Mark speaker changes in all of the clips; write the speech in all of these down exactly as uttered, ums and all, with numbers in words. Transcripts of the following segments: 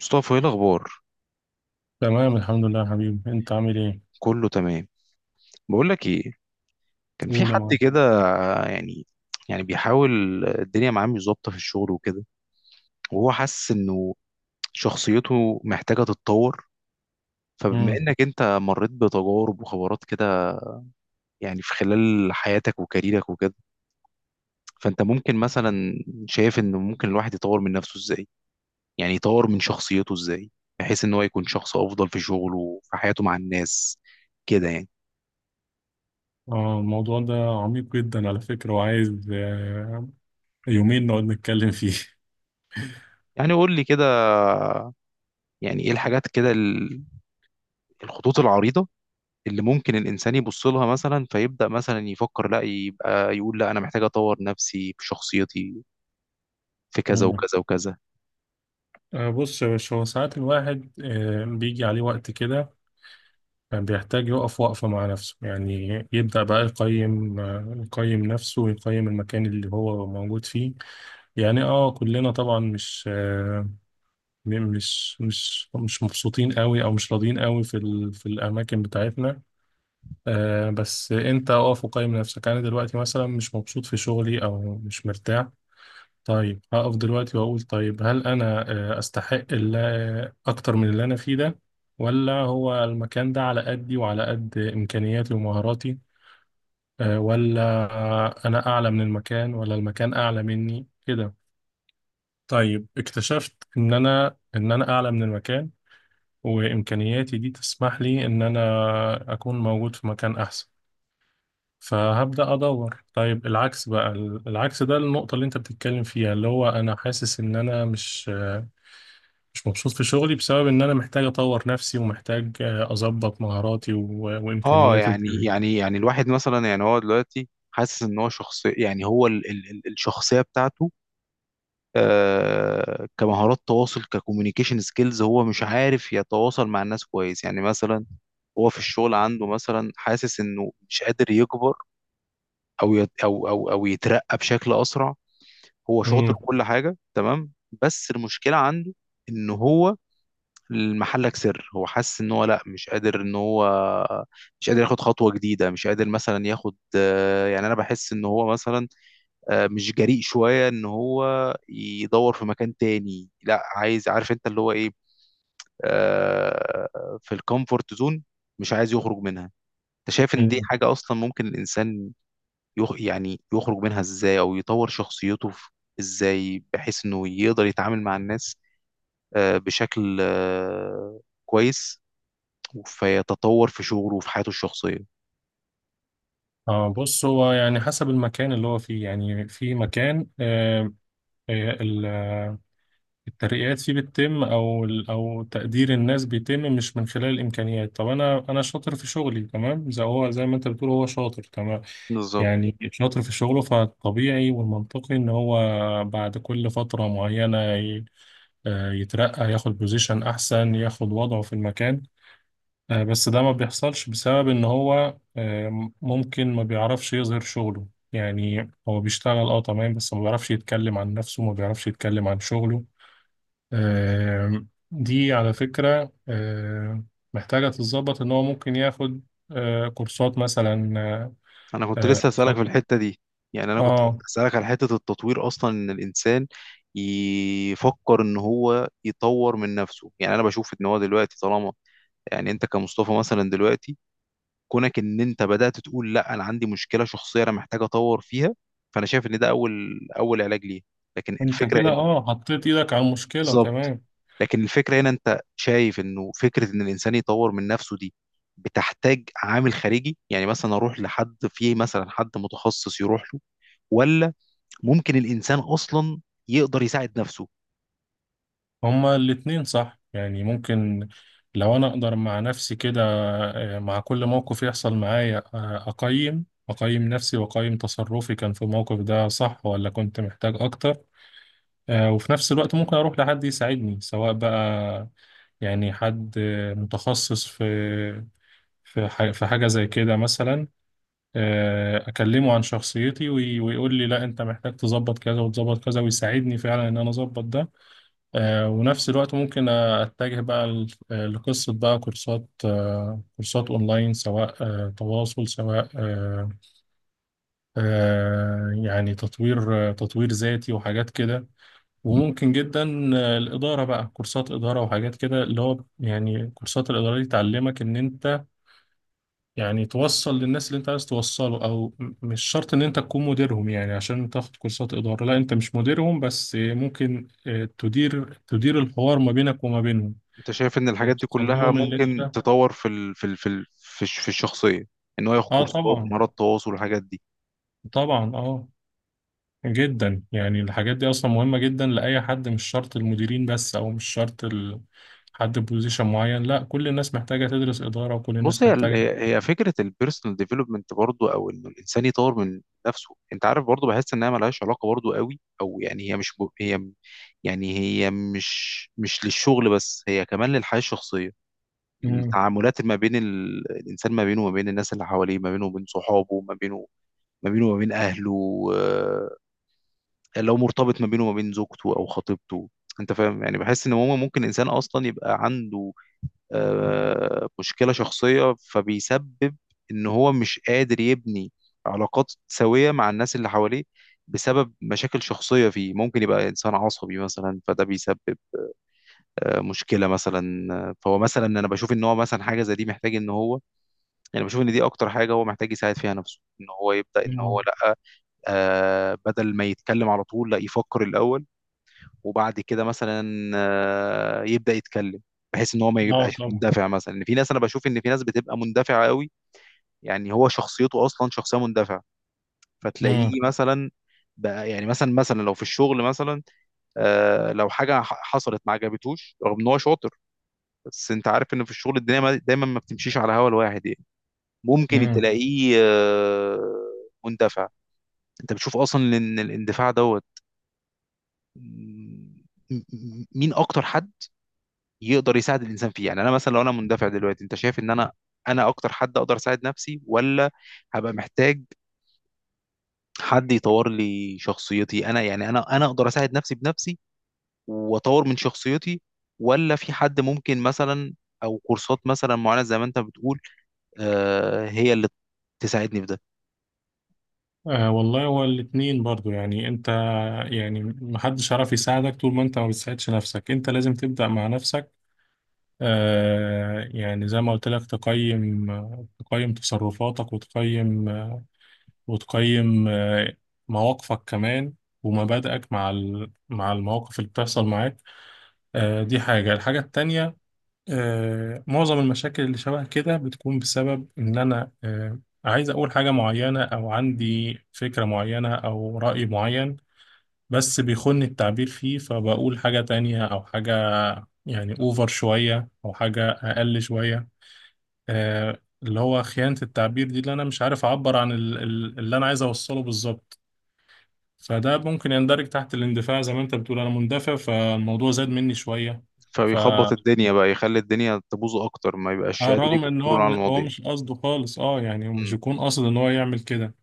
Speaker 1: مصطفى، ايه الاخبار؟
Speaker 2: تمام، الحمد لله يا حبيبي. انت عامل ايه؟
Speaker 1: كله تمام. بقول لك ايه، كان في
Speaker 2: قول يا
Speaker 1: حد
Speaker 2: معلم.
Speaker 1: كده، يعني يعني بيحاول. الدنيا معاه مش ظابطه في الشغل وكده، وهو حاسس انه شخصيته محتاجه تتطور. فبما
Speaker 2: امم.
Speaker 1: انك انت مريت بتجارب وخبرات كده، يعني في خلال حياتك وكاريرك وكده، فانت ممكن مثلا شايف انه ممكن الواحد يطور من نفسه ازاي؟ يعني يطور من شخصيته ازاي؟ بحيث ان هو يكون شخص افضل في شغله وفي حياته مع الناس كده يعني.
Speaker 2: اه، الموضوع ده عميق جدا على فكرة، وعايز آه، يومين نقعد نتكلم فيه.
Speaker 1: يعني قول لي كده، يعني ايه الحاجات كده، الخطوط العريضة اللي ممكن الإنسان يبص لها مثلا فيبدأ مثلا يفكر، لا يبقى يقول لا أنا محتاج أطور نفسي في شخصيتي، في كذا
Speaker 2: امم.
Speaker 1: وكذا وكذا.
Speaker 2: آه بص يا باشا، هو ساعات الواحد آه بيجي عليه وقت كده بيحتاج يقف وقفة مع نفسه. يعني يبدأ بقى يقيم آه، يقيم نفسه ويقيم المكان اللي هو موجود فيه. يعني اه كلنا طبعا مش آه م- مش مش مش مبسوطين قوي او مش راضيين قوي في ال- في الاماكن بتاعتنا. آه بس انت اقف وقيم نفسك. انا دلوقتي مثلا مش مبسوط في شغلي او مش مرتاح. طيب، هقف دلوقتي واقول طيب، هل انا آه، استحق اللي اكتر من اللي انا فيه ده، ولا هو المكان ده على قدي وعلى قد امكانياتي ومهاراتي؟ آه ولا آه، انا اعلى من المكان ولا المكان اعلى مني كده؟ طيب، اكتشفت ان انا ان انا اعلى من المكان، وامكانياتي دي تسمح لي ان انا اكون موجود في مكان احسن. فهبدأ أدور. طيب، العكس بقى، ال- العكس ده النقطة اللي أنت بتتكلم فيها، اللي هو أنا حاسس إن أنا مش مش مبسوط في شغلي بسبب إن أنا محتاج أطور نفسي، ومحتاج آه، أظبط مهاراتي و-
Speaker 1: اه،
Speaker 2: وإمكانياتي
Speaker 1: يعني
Speaker 2: وكده.
Speaker 1: يعني يعني الواحد مثلا، يعني هو دلوقتي حاسس إن هو شخص، يعني هو ال ال ال- الشخصية بتاعته. آه كمهارات تواصل، ككوميونيكيشن سكيلز، هو مش عارف يتواصل مع الناس كويس يعني. مثلا هو في الشغل عنده مثلا حاسس إنه مش قادر يكبر، أو يت أو أو أو يترقى بشكل أسرع. هو شاطر
Speaker 2: امم.
Speaker 1: وكل حاجه تمام، بس المشكله عنده ان هو المحلك سر. هو حاسس ان هو لا، مش قادر، ان هو مش قادر ياخد خطوه جديده، مش قادر مثلا ياخد، آه، يعني انا بحس ان هو مثلا آه، مش جريء شويه، ان هو يدور في مكان تاني. لا، عايز عارف انت اللي هو ايه، آه، في الكومفورت زون مش عايز يخرج منها. انت شايف ان دي
Speaker 2: امم.
Speaker 1: حاجه اصلا ممكن الانسان يخ يعني يخرج منها ازاي، او يطور شخصيته في- ازاي، بحيث انه يقدر يتعامل مع الناس آه، بشكل آه، كويس، فيتطور في شغله وفي حياته الشخصية؟
Speaker 2: اه، بص، هو يعني حسب المكان اللي هو فيه. يعني في مكان آه، آه، ال- آه، الترقيات فيه بتتم او ال- او تقدير الناس بيتم مش من خلال الامكانيات. طب انا انا شاطر في شغلي تمام، زي هو، زي ما انت بتقول هو شاطر تمام.
Speaker 1: بالظبط.
Speaker 2: يعني شاطر في شغله، فالطبيعي والمنطقي إن هو بعد كل فترة معينة ي- آه، يترقى، ياخد بوزيشن أحسن، ياخد وضعه في المكان. آه، بس ده ما بيحصلش بسبب إن هو آه، ممكن ما بيعرفش يظهر شغله. يعني هو بيشتغل اه تمام، بس ما بيعرفش يتكلم عن نفسه، ما بيعرفش يتكلم عن شغله. آه، دي على فكرة آه، محتاجة تتظبط. إن هو ممكن ياخد آه، كورسات مثلا، آه،
Speaker 1: انا كنت
Speaker 2: آه،
Speaker 1: لسه هسألك
Speaker 2: كورسات.
Speaker 1: في الحتة دي. يعني انا كنت
Speaker 2: اه،
Speaker 1: هسألك على حتة التطوير اصلا، ان الانسان يفكر ان هو يطور من نفسه. يعني انا بشوف ان هو دلوقتي طالما، يعني انت كمصطفى مثلا دلوقتي، كونك ان انت بدأت تقول لا انا عندي مشكلة شخصية انا محتاج اطور فيها، فانا شايف ان ده اول اول علاج ليه. لكن
Speaker 2: انت
Speaker 1: الفكرة
Speaker 2: كده
Speaker 1: هنا،
Speaker 2: اه حطيت ايدك على المشكلة
Speaker 1: بالظبط،
Speaker 2: تمام.
Speaker 1: لكن الفكرة هنا، انت شايف انه فكرة ان الانسان يطور من نفسه دي بتحتاج عامل خارجي؟ يعني مثلا اروح لحد فيه، مثلا حد متخصص يروح له، ولا ممكن الانسان اصلا يقدر يساعد نفسه؟
Speaker 2: هما الاتنين صح، يعني ممكن لو انا اقدر مع نفسي كده آه، مع كل موقف يحصل معايا آه، اقيم اقيم نفسي، واقيم تصرفي كان في الموقف ده صح ولا كنت محتاج اكتر. آه، وفي نفس الوقت ممكن اروح لحد يساعدني، سواء بقى يعني حد آه، متخصص في في ح- في حاجة زي كده مثلا، آه، اكلمه عن شخصيتي وي- ويقول لي لا انت محتاج تظبط كذا وتظبط كذا، ويساعدني فعلا ان انا اظبط ده. آه، ونفس الوقت ممكن اتجه بقى ل- لقصة بقى كورسات، آه، كورسات اونلاين، سواء آه، تواصل، سواء آه، آه، يعني تطوير آه، تطوير ذاتي وحاجات كده. وممكن جدا آه، الإدارة، بقى كورسات إدارة وحاجات كده، اللي هو يعني كورسات الإدارة دي تعلمك إن أنت يعني توصل للناس اللي انت عايز توصله، او م- مش شرط ان انت تكون مديرهم. يعني عشان تاخد كورسات اداره، لا، انت مش مديرهم، بس ممكن آه، تدير تدير الحوار ما بينك وما بينهم،
Speaker 1: انت شايف ان الحاجات دي
Speaker 2: توصل
Speaker 1: كلها
Speaker 2: لهم اللي
Speaker 1: ممكن
Speaker 2: انت...
Speaker 1: تطور في ال في ال في ال في الش- في الشخصية، ان هو ياخد
Speaker 2: اه
Speaker 1: كورسات
Speaker 2: طبعا.
Speaker 1: مهارات تواصل والحاجات دي؟
Speaker 2: طبعا، اه جدا يعني الحاجات دي اصلا مهمه جدا لاي حد، مش شرط المديرين بس، او مش شرط ال... حد بوزيشن معين. لا، كل الناس محتاجه تدرس اداره، وكل
Speaker 1: بص،
Speaker 2: الناس
Speaker 1: هي
Speaker 2: محتاجه.
Speaker 1: هي هي فكره البيرسونال ديفلوبمنت برضو، او انه الانسان يطور من نفسه. انت عارف، برضو بحس انها ملهاش علاقه برضو قوي، او يعني هي مش ب- هي، يعني هي مش مش للشغل بس، هي كمان للحياه الشخصيه.
Speaker 2: مم.
Speaker 1: التعاملات ما بين ال... الانسان، ما بينه وما بين الناس اللي حواليه، ما بينه وبين صحابه، ما بينه ما بينه وما بين اهله، آه، لو مرتبط، ما بينه وما بين زوجته او خطيبته. انت فاهم؟ يعني بحس ان هو ممكن انسان اصلا يبقى عنده آه، مشكلة شخصية، فبيسبب إن هو مش قادر يبني علاقات سوية مع الناس اللي حواليه بسبب مشاكل شخصية فيه. ممكن يبقى إنسان عصبي مثلا، فده بيسبب آه، مشكلة مثلا. آه، فهو مثلا، أنا بشوف إن هو مثلا حاجة زي دي محتاج إن هو، يعني بشوف إن دي أكتر حاجة هو محتاج يساعد فيها نفسه، إن هو يبدأ إن هو
Speaker 2: اه.
Speaker 1: لأ، آه، بدل ما يتكلم على طول، لأ، يفكر الأول وبعد كده مثلا آه، يبدأ يتكلم، بحيث ان هو ما
Speaker 2: آه،
Speaker 1: يبقاش
Speaker 2: طبعا.
Speaker 1: مندفع. مثلا ان في ناس انا بشوف ان في ناس بتبقى مندفعة قوي. يعني هو شخصيته اصلا شخصية مندفعة،
Speaker 2: مم.
Speaker 1: فتلاقيه مثلا، بقى يعني مثلا مثلا لو في الشغل مثلا، آه لو حاجة ح- حصلت ما عجبتوش رغم ان هو شاطر. بس انت عارف ان في الشغل الدنيا ما- دايما ما بتمشيش على هوا الواحد يعني. ممكن
Speaker 2: مم.
Speaker 1: تلاقيه آه مندفع. انت بتشوف اصلا ان الاندفاع دوت، م- م- مين اكتر حد يقدر يساعد الانسان فيه؟ يعني انا مثلا لو انا مندفع دلوقتي، انت شايف ان انا انا اكتر حد اقدر اساعد نفسي، ولا هبقى محتاج حد يطور لي شخصيتي؟ انا يعني انا انا اقدر اساعد نفسي بنفسي واطور من شخصيتي، ولا في حد ممكن مثلا، او كورسات مثلا معينة زي ما انت بتقول، آه هي اللي تساعدني في ده؟
Speaker 2: آه والله، هو الاثنين برضو. يعني انت، يعني محدش عارف يساعدك طول ما انت ما بتساعدش نفسك. انت لازم تبدأ مع نفسك. آه يعني زي ما قلت لك، تقيم تقيم تصرفاتك، وتقيم وتقيم آه مواقفك كمان، ومبادئك مع ال- مع المواقف اللي بتحصل معاك. آه دي حاجة. الحاجة التانية، آه معظم المشاكل اللي شبه كده بتكون بسبب ان انا آه عايز اقول حاجة معينة او عندي فكرة معينة او رأي معين، بس بيخن التعبير فيه، فبقول حاجة تانية أو حاجة يعني أوفر شوية أو حاجة أقل شوية. آه اللي هو خيانة التعبير دي، اللي أنا مش عارف أعبر عن ال- ال- اللي أنا عايز أوصله بالظبط. فده ممكن يندرج تحت الاندفاع. زي ما أنت بتقول أنا مندفع، فالموضوع زاد مني شوية.
Speaker 1: فبيخبط
Speaker 2: فرغم
Speaker 1: الدنيا بقى، يخلي الدنيا تبوظ اكتر، ما يبقاش قادر
Speaker 2: إن هو
Speaker 1: يكنترول على
Speaker 2: م- هو
Speaker 1: المواضيع.
Speaker 2: مش قصده خالص. أه يعني مش
Speaker 1: مم.
Speaker 2: يكون قاصد إن هو يعمل كده،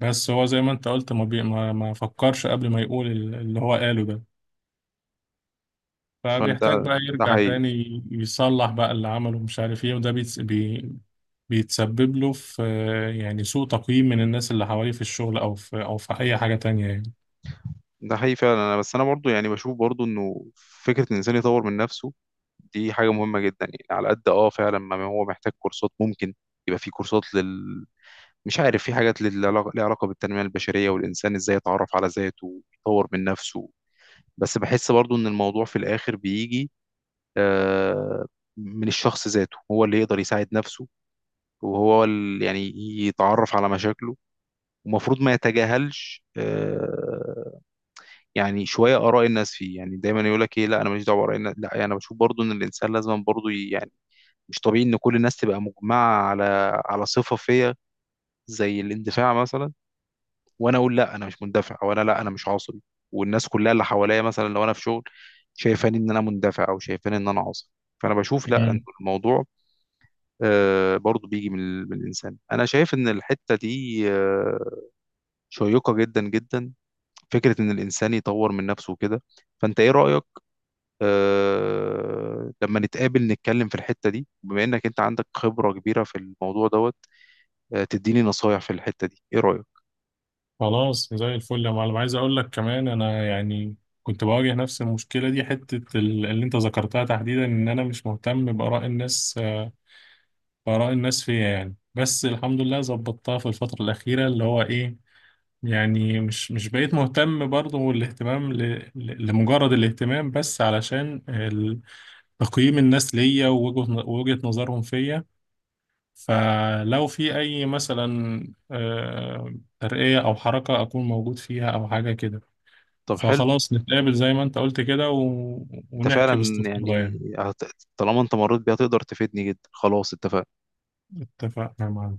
Speaker 2: بس هو زي ما أنت قلت، ما, بي ما ما فكرش قبل ما يقول ال- اللي هو قاله ده. فبيحتاج
Speaker 1: فده،
Speaker 2: بقى
Speaker 1: ده
Speaker 2: يرجع
Speaker 1: حقيقي
Speaker 2: تاني يصلح بقى اللي عمله، مش عارف ايه. وده بيتس بي بيتسبب له في يعني سوء تقييم من الناس اللي حواليه، في الشغل او في او في اي حاجة تانية يعني.
Speaker 1: ده حقيقي فعلا. انا بس، انا برضو يعني بشوف برضو انه فكره ان الانسان يطور من نفسه دي حاجه مهمه جدا. يعني على قد اه فعلا ما هو محتاج كورسات، ممكن يبقى في كورسات لل مش عارف، في حاجات لل- لها علاقه بالتنميه البشريه، والانسان ازاي يتعرف على ذاته ويطور من نفسه. بس بحس برضو ان الموضوع في الاخر بيجي آه، من الشخص ذاته، هو اللي يقدر يساعد نفسه، وهو ال- يعني يتعرف على مشاكله. ومفروض ما يتجاهلش آه، يعني شويه اراء الناس فيه، يعني دايما يقول لك ايه، لا انا ماليش دعوه باراء الناس. لا، يعني انا بشوف برضو ان الانسان لازم برضو ي- يعني، مش طبيعي ان كل الناس تبقى مجمعه على على صفه فيا زي الاندفاع مثلا، وانا اقول لا انا مش مندفع، وانا لا، انا مش عصبي، والناس كلها اللي حواليا، مثلا لو انا في شغل، شايفاني ان انا مندفع او شايفاني ان انا عصبي. فانا بشوف لا، ان
Speaker 2: مم.
Speaker 1: الموضوع آه، برضو بيجي من ال- من الانسان. انا شايف ان الحته دي آه، شيقه جدا جدا، فكره ان الانسان يطور من نفسه كده. فانت ايه رايك آه، لما نتقابل نتكلم في الحتة دي، بما انك انت عندك خبرة كبيرة في الموضوع دوت، آه، تديني نصايح في الحتة دي؟ ايه رأيك؟
Speaker 2: خلاص، زي الفل يا معلم. عايز اقول لك كمان، انا يعني كنت بواجه نفس المشكلة دي، حتة ال- اللي انت ذكرتها تحديدا، ان انا مش مهتم بآراء الناس آه، بآراء الناس فيا يعني. بس الحمد لله ظبطتها في الفترة الأخيرة، اللي هو ايه، يعني مش مش بقيت مهتم برضه الاهتمام ل... ل- لمجرد الاهتمام، بس علشان ال- تقييم الناس ليا ووجهة ن- ووجهة نظرهم فيا. فلو في أي مثلا آه، ترقية أو حركة أكون موجود فيها أو حاجة كده.
Speaker 1: طب حلو.
Speaker 2: فخلاص، نتقابل زي ما أنت قلت كده و...
Speaker 1: انت
Speaker 2: ونحكي
Speaker 1: فعلا
Speaker 2: باستفاضة
Speaker 1: يعني
Speaker 2: يعني.
Speaker 1: هت- طالما انت مريت بيها تقدر تفيدني جدا، خلاص اتفقنا.
Speaker 2: اتفقنا معنا.